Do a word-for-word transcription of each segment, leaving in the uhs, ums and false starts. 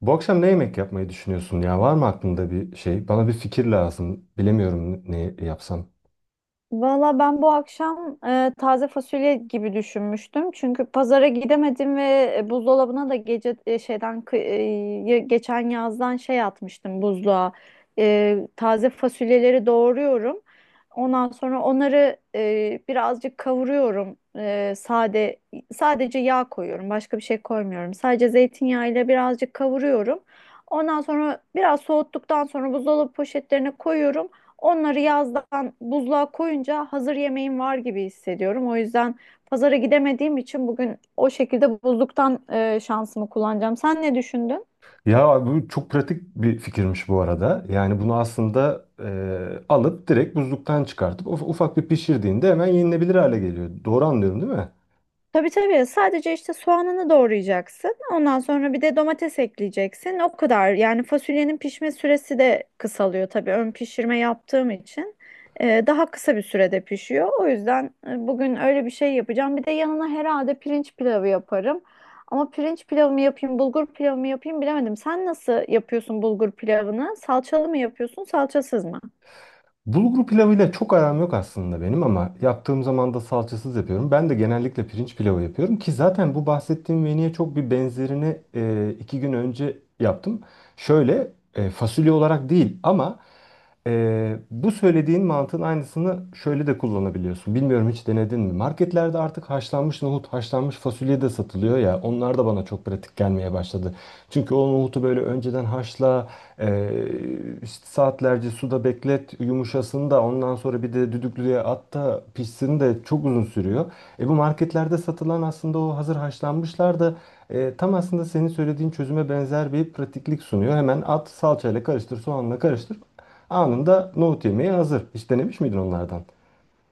Bu akşam ne yemek yapmayı düşünüyorsun ya? Var mı aklında bir şey? Bana bir fikir lazım. Bilemiyorum ne yapsam. Valla ben bu akşam e, taze fasulye gibi düşünmüştüm. Çünkü pazara gidemedim ve e, buzdolabına da gece e, şeyden kı- e, ye- geçen yazdan şey atmıştım buzluğa. E, taze fasulyeleri doğruyorum. Ondan sonra onları e, birazcık kavuruyorum. E, sade sadece yağ koyuyorum. Başka bir şey koymuyorum. Sadece zeytinyağı ile birazcık kavuruyorum. Ondan sonra biraz soğuttuktan sonra buzdolabı poşetlerine koyuyorum. Onları yazdan buzluğa koyunca hazır yemeğim var gibi hissediyorum. O yüzden pazara gidemediğim için bugün o şekilde buzluktan e, şansımı kullanacağım. Sen ne düşündün? Ya bu çok pratik bir fikirmiş bu arada. Yani bunu aslında e, alıp direkt buzluktan çıkartıp uf- ufak bir pişirdiğinde hemen yenilebilir hale geliyor. Doğru anlıyorum değil mi? Tabii, tabii. Sadece işte soğanını doğrayacaksın. Ondan sonra bir de domates ekleyeceksin. O kadar. Yani fasulyenin pişme süresi de kısalıyor tabii. Ön pişirme yaptığım için e, daha kısa bir sürede pişiyor. O yüzden e, bugün öyle bir şey yapacağım. Bir de yanına herhalde pirinç pilavı yaparım. Ama pirinç pilavı mı yapayım, bulgur pilavı mı yapayım bilemedim. Sen nasıl yapıyorsun bulgur pilavını? Salçalı mı yapıyorsun, salçasız mı? Bulgur pilavıyla çok aram yok aslında benim ama yaptığım zaman da salçasız yapıyorum. Ben de genellikle pirinç pilavı yapıyorum ki zaten bu bahsettiğim menüye çok bir benzerini e, iki gün önce yaptım. Şöyle e, fasulye olarak değil ama e, bu söylediğin mantığın aynısını şöyle de kullanabiliyorsun. Bilmiyorum hiç denedin mi? Marketlerde artık haşlanmış nohut, haşlanmış fasulye de satılıyor ya onlar da bana çok pratik gelmeye başladı. Çünkü o nohutu böyle önceden haşla, e, işte saatlerce suda beklet, yumuşasın da ondan sonra bir de düdüklüye at da pişsin de çok uzun sürüyor. E bu marketlerde satılan aslında o hazır haşlanmışlar da e, tam aslında senin söylediğin çözüme benzer bir pratiklik sunuyor. Hemen at, salçayla karıştır, soğanla karıştır. Anında nohut yemeği hazır. Hiç denemiş miydin onlardan?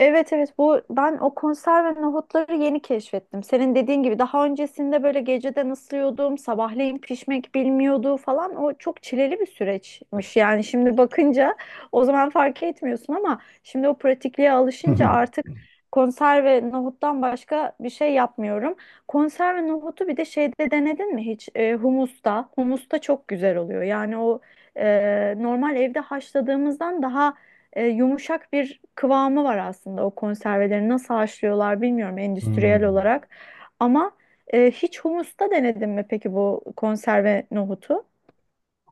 Evet, evet, bu ben o konserve nohutları yeni keşfettim. Senin dediğin gibi daha öncesinde böyle geceden ısırıyordum, sabahleyin pişmek bilmiyordu falan. O çok çileli bir süreçmiş. Yani şimdi bakınca o zaman fark etmiyorsun ama şimdi o pratikliğe alışınca artık konserve nohuttan başka bir şey yapmıyorum. Konserve nohutu bir de şeyde denedin mi hiç? E, humusta. Humusta çok güzel oluyor. Yani o e, normal evde haşladığımızdan daha e, yumuşak bir kıvamı var aslında o konserveleri nasıl haşlıyorlar bilmiyorum endüstriyel Hmm. olarak. Ama e, hiç humusta denedin mi peki bu konserve nohutu?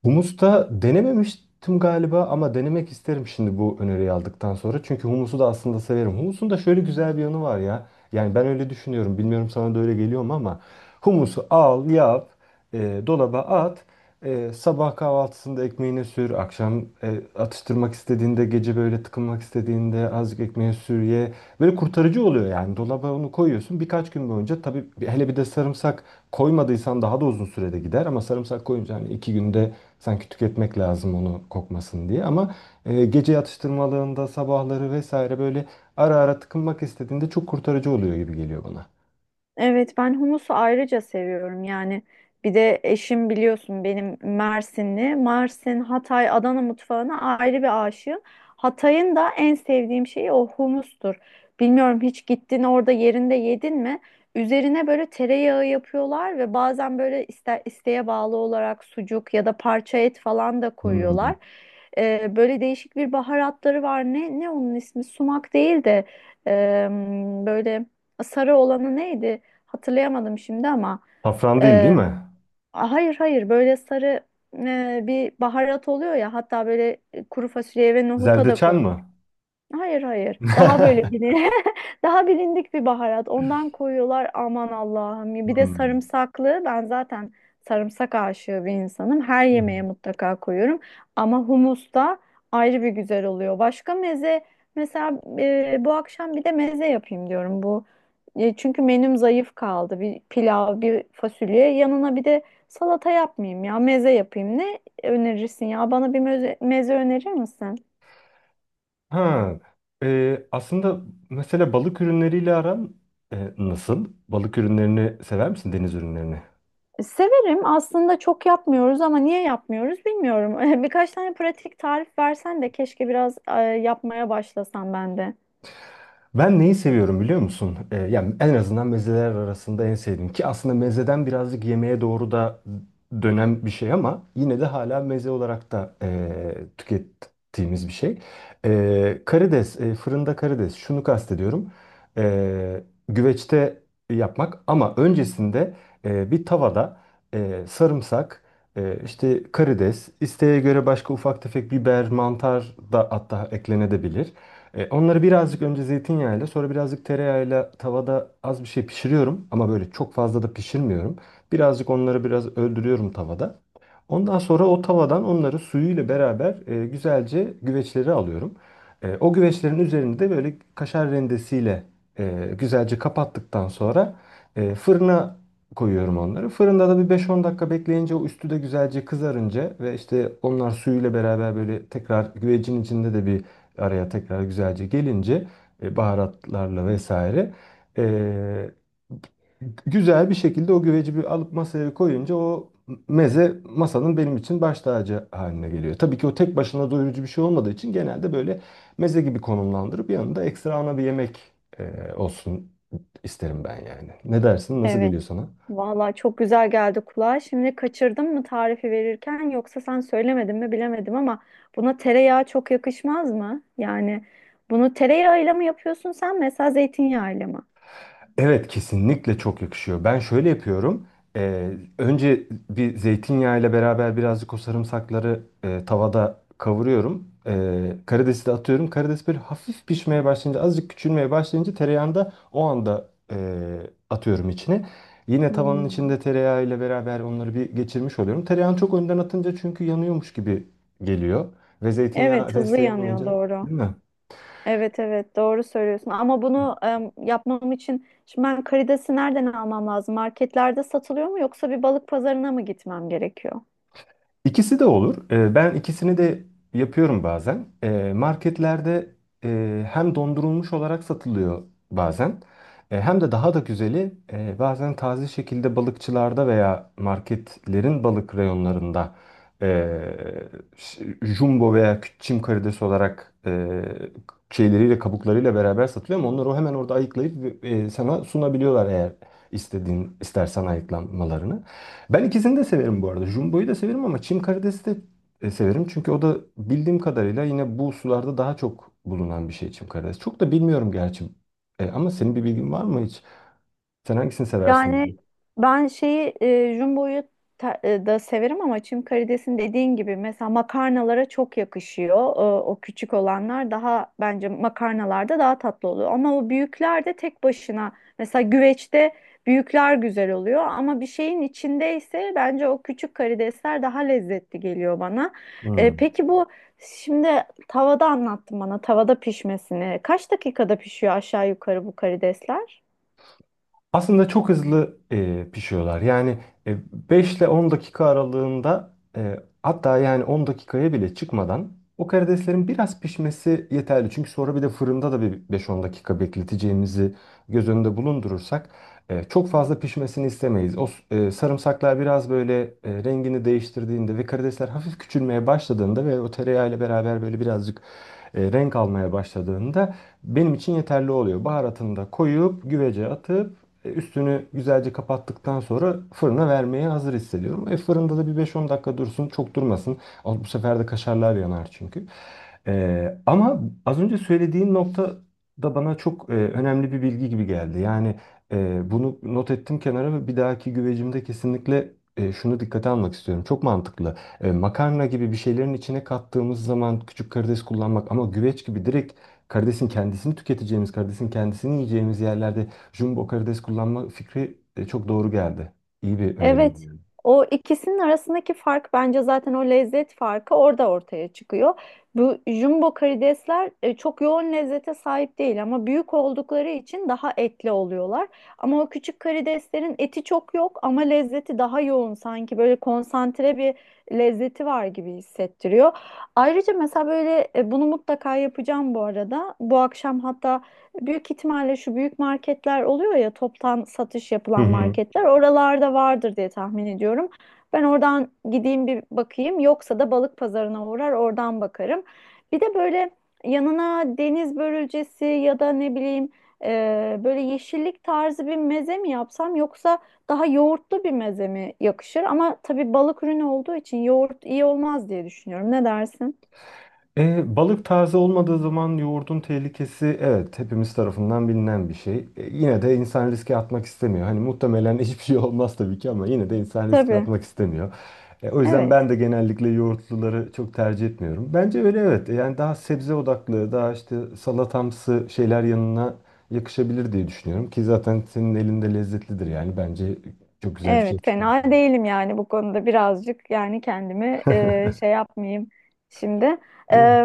Humus'ta denememiştim galiba ama denemek isterim şimdi bu öneriyi aldıktan sonra. Çünkü humusu da aslında severim. Humusun da şöyle güzel bir yanı var ya. Yani ben öyle düşünüyorum. Bilmiyorum sana da öyle geliyor mu ama humusu al, yap e, dolaba at. E, sabah kahvaltısında ekmeğine sür. Akşam e, atıştırmak istediğinde, gece böyle tıkınmak istediğinde azıcık ekmeğe sür ye. Böyle kurtarıcı oluyor yani. Dolaba onu koyuyorsun. Birkaç gün boyunca tabii bir- hele bir de sarımsak koymadıysan daha da uzun sürede gider. Ama sarımsak koyunca hani iki günde sanki tüketmek lazım onu kokmasın diye. Ama e, gece atıştırmalığında, sabahları vesaire böyle ara ara tıkınmak istediğinde çok kurtarıcı oluyor gibi geliyor bana. Evet, ben humusu ayrıca seviyorum. Yani bir de eşim biliyorsun benim Mersinli, Mersin, Hatay, Adana mutfağına ayrı bir aşığım. Hatay'ın da en sevdiğim şeyi o humustur. Bilmiyorum, hiç gittin orada yerinde yedin mi? Üzerine böyle tereyağı yapıyorlar ve bazen böyle iste, isteğe bağlı olarak sucuk ya da parça et falan da Hmm. koyuyorlar. Ee, böyle değişik bir baharatları var, ne ne onun ismi, sumak değil de em, böyle sarı olanı neydi? Hatırlayamadım şimdi ama Safran değil değil e, mi? hayır, hayır, böyle sarı e, bir baharat oluyor ya, hatta böyle e, kuru fasulyeye ve nohuta da Zerdeçal konuyor. mı? Hayır, hayır. Daha böyle bilin daha bilindik bir baharat. Ondan koyuyorlar, aman Allah'ım. Bir de Hmm. sarımsaklı. Ben zaten sarımsak aşığı bir insanım. Her Hı hı. yemeğe mutlaka koyuyorum. Ama humus da ayrı bir güzel oluyor. Başka meze, mesela e, bu akşam bir de meze yapayım diyorum bu. E, çünkü menüm zayıf kaldı. Bir pilav, bir fasulye. Yanına bir de salata yapmayayım ya. Meze yapayım. Ne önerirsin ya? Bana bir meze, meze önerir misin? Ha, e, aslında mesela balık ürünleriyle aran e, nasıl? Balık ürünlerini sever misin deniz ürünlerini? Severim. Aslında çok yapmıyoruz ama niye yapmıyoruz bilmiyorum. Birkaç tane pratik tarif versen de keşke biraz e, yapmaya başlasam ben de. Ben neyi seviyorum biliyor musun? Ee, yani en azından mezeler arasında en sevdiğim ki aslında mezeden birazcık yemeğe doğru da dönen bir şey ama yine de hala meze olarak da e, tükettiğimiz bir şey. E, karides, e, fırında karides. Şunu kastediyorum. E, Güveçte yapmak ama öncesinde e, bir tavada e, sarımsak, e, işte karides, isteğe göre başka ufak tefek biber, mantar da hatta eklenebilir. E, onları birazcık önce zeytinyağıyla sonra birazcık tereyağıyla tavada az bir şey pişiriyorum ama böyle çok fazla da pişirmiyorum. Birazcık onları biraz öldürüyorum tavada. Ondan sonra o tavadan onları suyuyla beraber e, güzelce güveçleri alıyorum. E, o güveçlerin üzerini de böyle kaşar rendesiyle e, güzelce kapattıktan sonra e, fırına koyuyorum onları. Fırında da bir beş on dakika bekleyince o üstü de güzelce kızarınca ve işte onlar suyuyla beraber böyle tekrar güvecin içinde de bir araya tekrar güzelce gelince e, baharatlarla vesaire e, Güzel bir şekilde o güveci bir alıp masaya koyunca o meze masanın benim için baş tacı haline geliyor. Tabii ki o tek başına doyurucu bir şey olmadığı için genelde böyle meze gibi konumlandırıp yanında ekstra ana bir yemek e, olsun isterim ben yani. Ne dersin? Nasıl Evet. geliyor sana? Vallahi çok güzel geldi kulağa. Şimdi kaçırdım mı tarifi verirken, yoksa sen söylemedin mi bilemedim, ama buna tereyağı çok yakışmaz mı? Yani bunu tereyağıyla mı yapıyorsun sen, mesela zeytinyağıyla mı? Evet, kesinlikle çok yakışıyor. Ben şöyle yapıyorum. Ee, Önce bir zeytinyağı ile beraber birazcık o sarımsakları e, tavada kavuruyorum. Ee, karidesi de atıyorum. Karides böyle hafif pişmeye başlayınca, azıcık küçülmeye başlayınca tereyağını da o anda e, atıyorum içine. Yine tavanın Hmm. içinde tereyağı ile beraber onları bir geçirmiş oluyorum. Tereyağını çok önden atınca çünkü yanıyormuş gibi geliyor. Ve zeytinyağı Evet, hızlı desteği yanıyor, olunca doğru. değil mi? Evet, evet, doğru söylüyorsun, ama bunu em, yapmam için şimdi ben karidesi nereden almam lazım? Marketlerde satılıyor mu, yoksa bir balık pazarına mı gitmem gerekiyor? İkisi de olur. Ee, Ben ikisini de yapıyorum bazen. Ee, Marketlerde e, hem dondurulmuş olarak satılıyor bazen. E, Hem de daha da güzeli e, bazen taze şekilde balıkçılarda veya marketlerin balık reyonlarında e, ş- jumbo veya kü- çim karidesi olarak e, şeyleriyle kabuklarıyla beraber satılıyor ama onları o hemen orada ayıklayıp e, sana sunabiliyorlar eğer istediğin istersen ayıklamalarını. Ben ikisini de severim bu arada. Jumbo'yu da severim ama çim karidesi de e, severim. Çünkü o da bildiğim kadarıyla yine bu sularda daha çok bulunan bir şey çim karidesi. Çok da bilmiyorum gerçi. E, ama senin bir bilgin var mı hiç? Sen hangisini seversin? Yani ben şeyi e, jumbo'yu ta- e, da severim, ama çim karidesin dediğin gibi mesela makarnalara çok yakışıyor. E, o küçük olanlar daha bence makarnalarda daha tatlı oluyor. Ama o büyükler de tek başına, mesela güveçte, büyükler güzel oluyor, ama bir şeyin içindeyse bence o küçük karidesler daha lezzetli geliyor bana. E, Hmm. Peki bu şimdi tavada anlattın bana tavada pişmesini. Kaç dakikada pişiyor aşağı yukarı bu karidesler? Aslında çok hızlı e, pişiyorlar. Yani e, beş ile on dakika aralığında e, hatta yani on dakikaya bile çıkmadan o karideslerin biraz pişmesi yeterli. Çünkü sonra bir de fırında da bir beş-on dakika bekleteceğimizi göz önünde bulundurursak e, çok fazla pişmesini istemeyiz. O s- e, sarımsaklar biraz böyle e, rengini değiştirdiğinde ve karidesler hafif küçülmeye başladığında ve o tereyağıyla beraber böyle birazcık e, renk almaya başladığında benim için yeterli oluyor. Baharatını da koyup güvece atıp e, Üstünü güzelce kapattıktan sonra fırına vermeye hazır hissediyorum. E, fırında da bir beş on dakika dursun, çok durmasın. Al, bu sefer de kaşarlar yanar çünkü. E, ama az önce söylediğin nokta da bana çok e, önemli bir bilgi gibi geldi. Yani e, bunu not ettim kenara ve bir dahaki güvecimde kesinlikle e, şunu dikkate almak istiyorum. Çok mantıklı. E, makarna gibi bir şeylerin içine kattığımız zaman küçük karides kullanmak ama güveç gibi direkt karidesin kendisini tüketeceğimiz, karidesin kendisini yiyeceğimiz yerlerde jumbo karides kullanma fikri e, çok doğru geldi. İyi bir öneri, Evet, yani. o ikisinin arasındaki fark bence zaten o lezzet farkı orada ortaya çıkıyor. Bu jumbo karidesler e, çok yoğun lezzete sahip değil ama büyük oldukları için daha etli oluyorlar. Ama o küçük karideslerin eti çok yok ama lezzeti daha yoğun, sanki böyle konsantre bir lezzeti var gibi hissettiriyor. Ayrıca mesela böyle e, bunu mutlaka yapacağım bu arada. Bu akşam hatta. Büyük ihtimalle şu büyük marketler oluyor ya, toptan satış Hı yapılan hı. marketler, oralarda vardır diye tahmin ediyorum. Ben oradan gideyim bir bakayım, yoksa da balık pazarına uğrar oradan bakarım. Bir de böyle yanına deniz börülcesi ya da ne bileyim e, böyle yeşillik tarzı bir meze mi yapsam, yoksa daha yoğurtlu bir meze mi yakışır? Ama tabii balık ürünü olduğu için yoğurt iyi olmaz diye düşünüyorum. Ne dersin? E, balık taze olmadığı zaman yoğurdun tehlikesi evet hepimiz tarafından bilinen bir şey. E, yine de insan riske atmak istemiyor. Hani muhtemelen hiçbir şey olmaz tabii ki ama yine de insan riske Tabii. atmak istemiyor. E, o yüzden ben Evet. de genellikle yoğurtluları çok tercih etmiyorum. Bence öyle evet. E, Yani daha sebze odaklı, daha işte salatamsı şeyler yanına yakışabilir diye düşünüyorum. Ki zaten senin elinde lezzetlidir yani. Bence çok güzel bir şey Evet, yapıştırmışsın. fena değilim yani bu konuda birazcık, yani kendimi e, şey yapmayayım şimdi. E, Evet.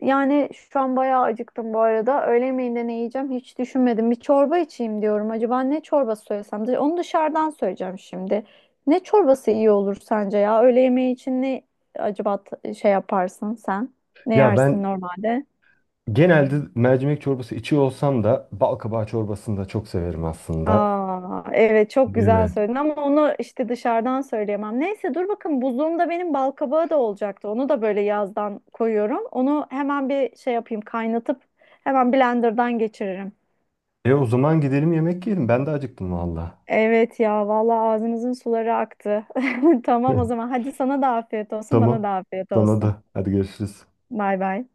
Yani şu an bayağı acıktım bu arada. Öğle yemeğinde ne yiyeceğim hiç düşünmedim. Bir çorba içeyim diyorum. Acaba ne çorbası söylesem? Dış- Onu dışarıdan söyleyeceğim şimdi. Ne çorbası iyi olur sence ya? Öğle yemeği için ne acaba, t- şey yaparsın sen? Ne Ya yersin ben normalde? genelde mercimek çorbası içiyor olsam da bal çorbasını da çok severim aslında. Aa, evet, çok Değil güzel mi? söyledin, ama onu işte dışarıdan söyleyemem. Neyse, dur bakın, buzluğumda benim bal kabağı da olacaktı. Onu da böyle yazdan koyuyorum. Onu hemen bir şey yapayım, kaynatıp hemen blenderdan geçiririm. E o zaman gidelim yemek yiyelim. Ben de acıktım valla. Evet ya, vallahi ağzımızın suları aktı. Tamam, o zaman hadi, sana da afiyet olsun, bana Tamam. da afiyet Sana olsun. da. Hadi görüşürüz. Bay bay.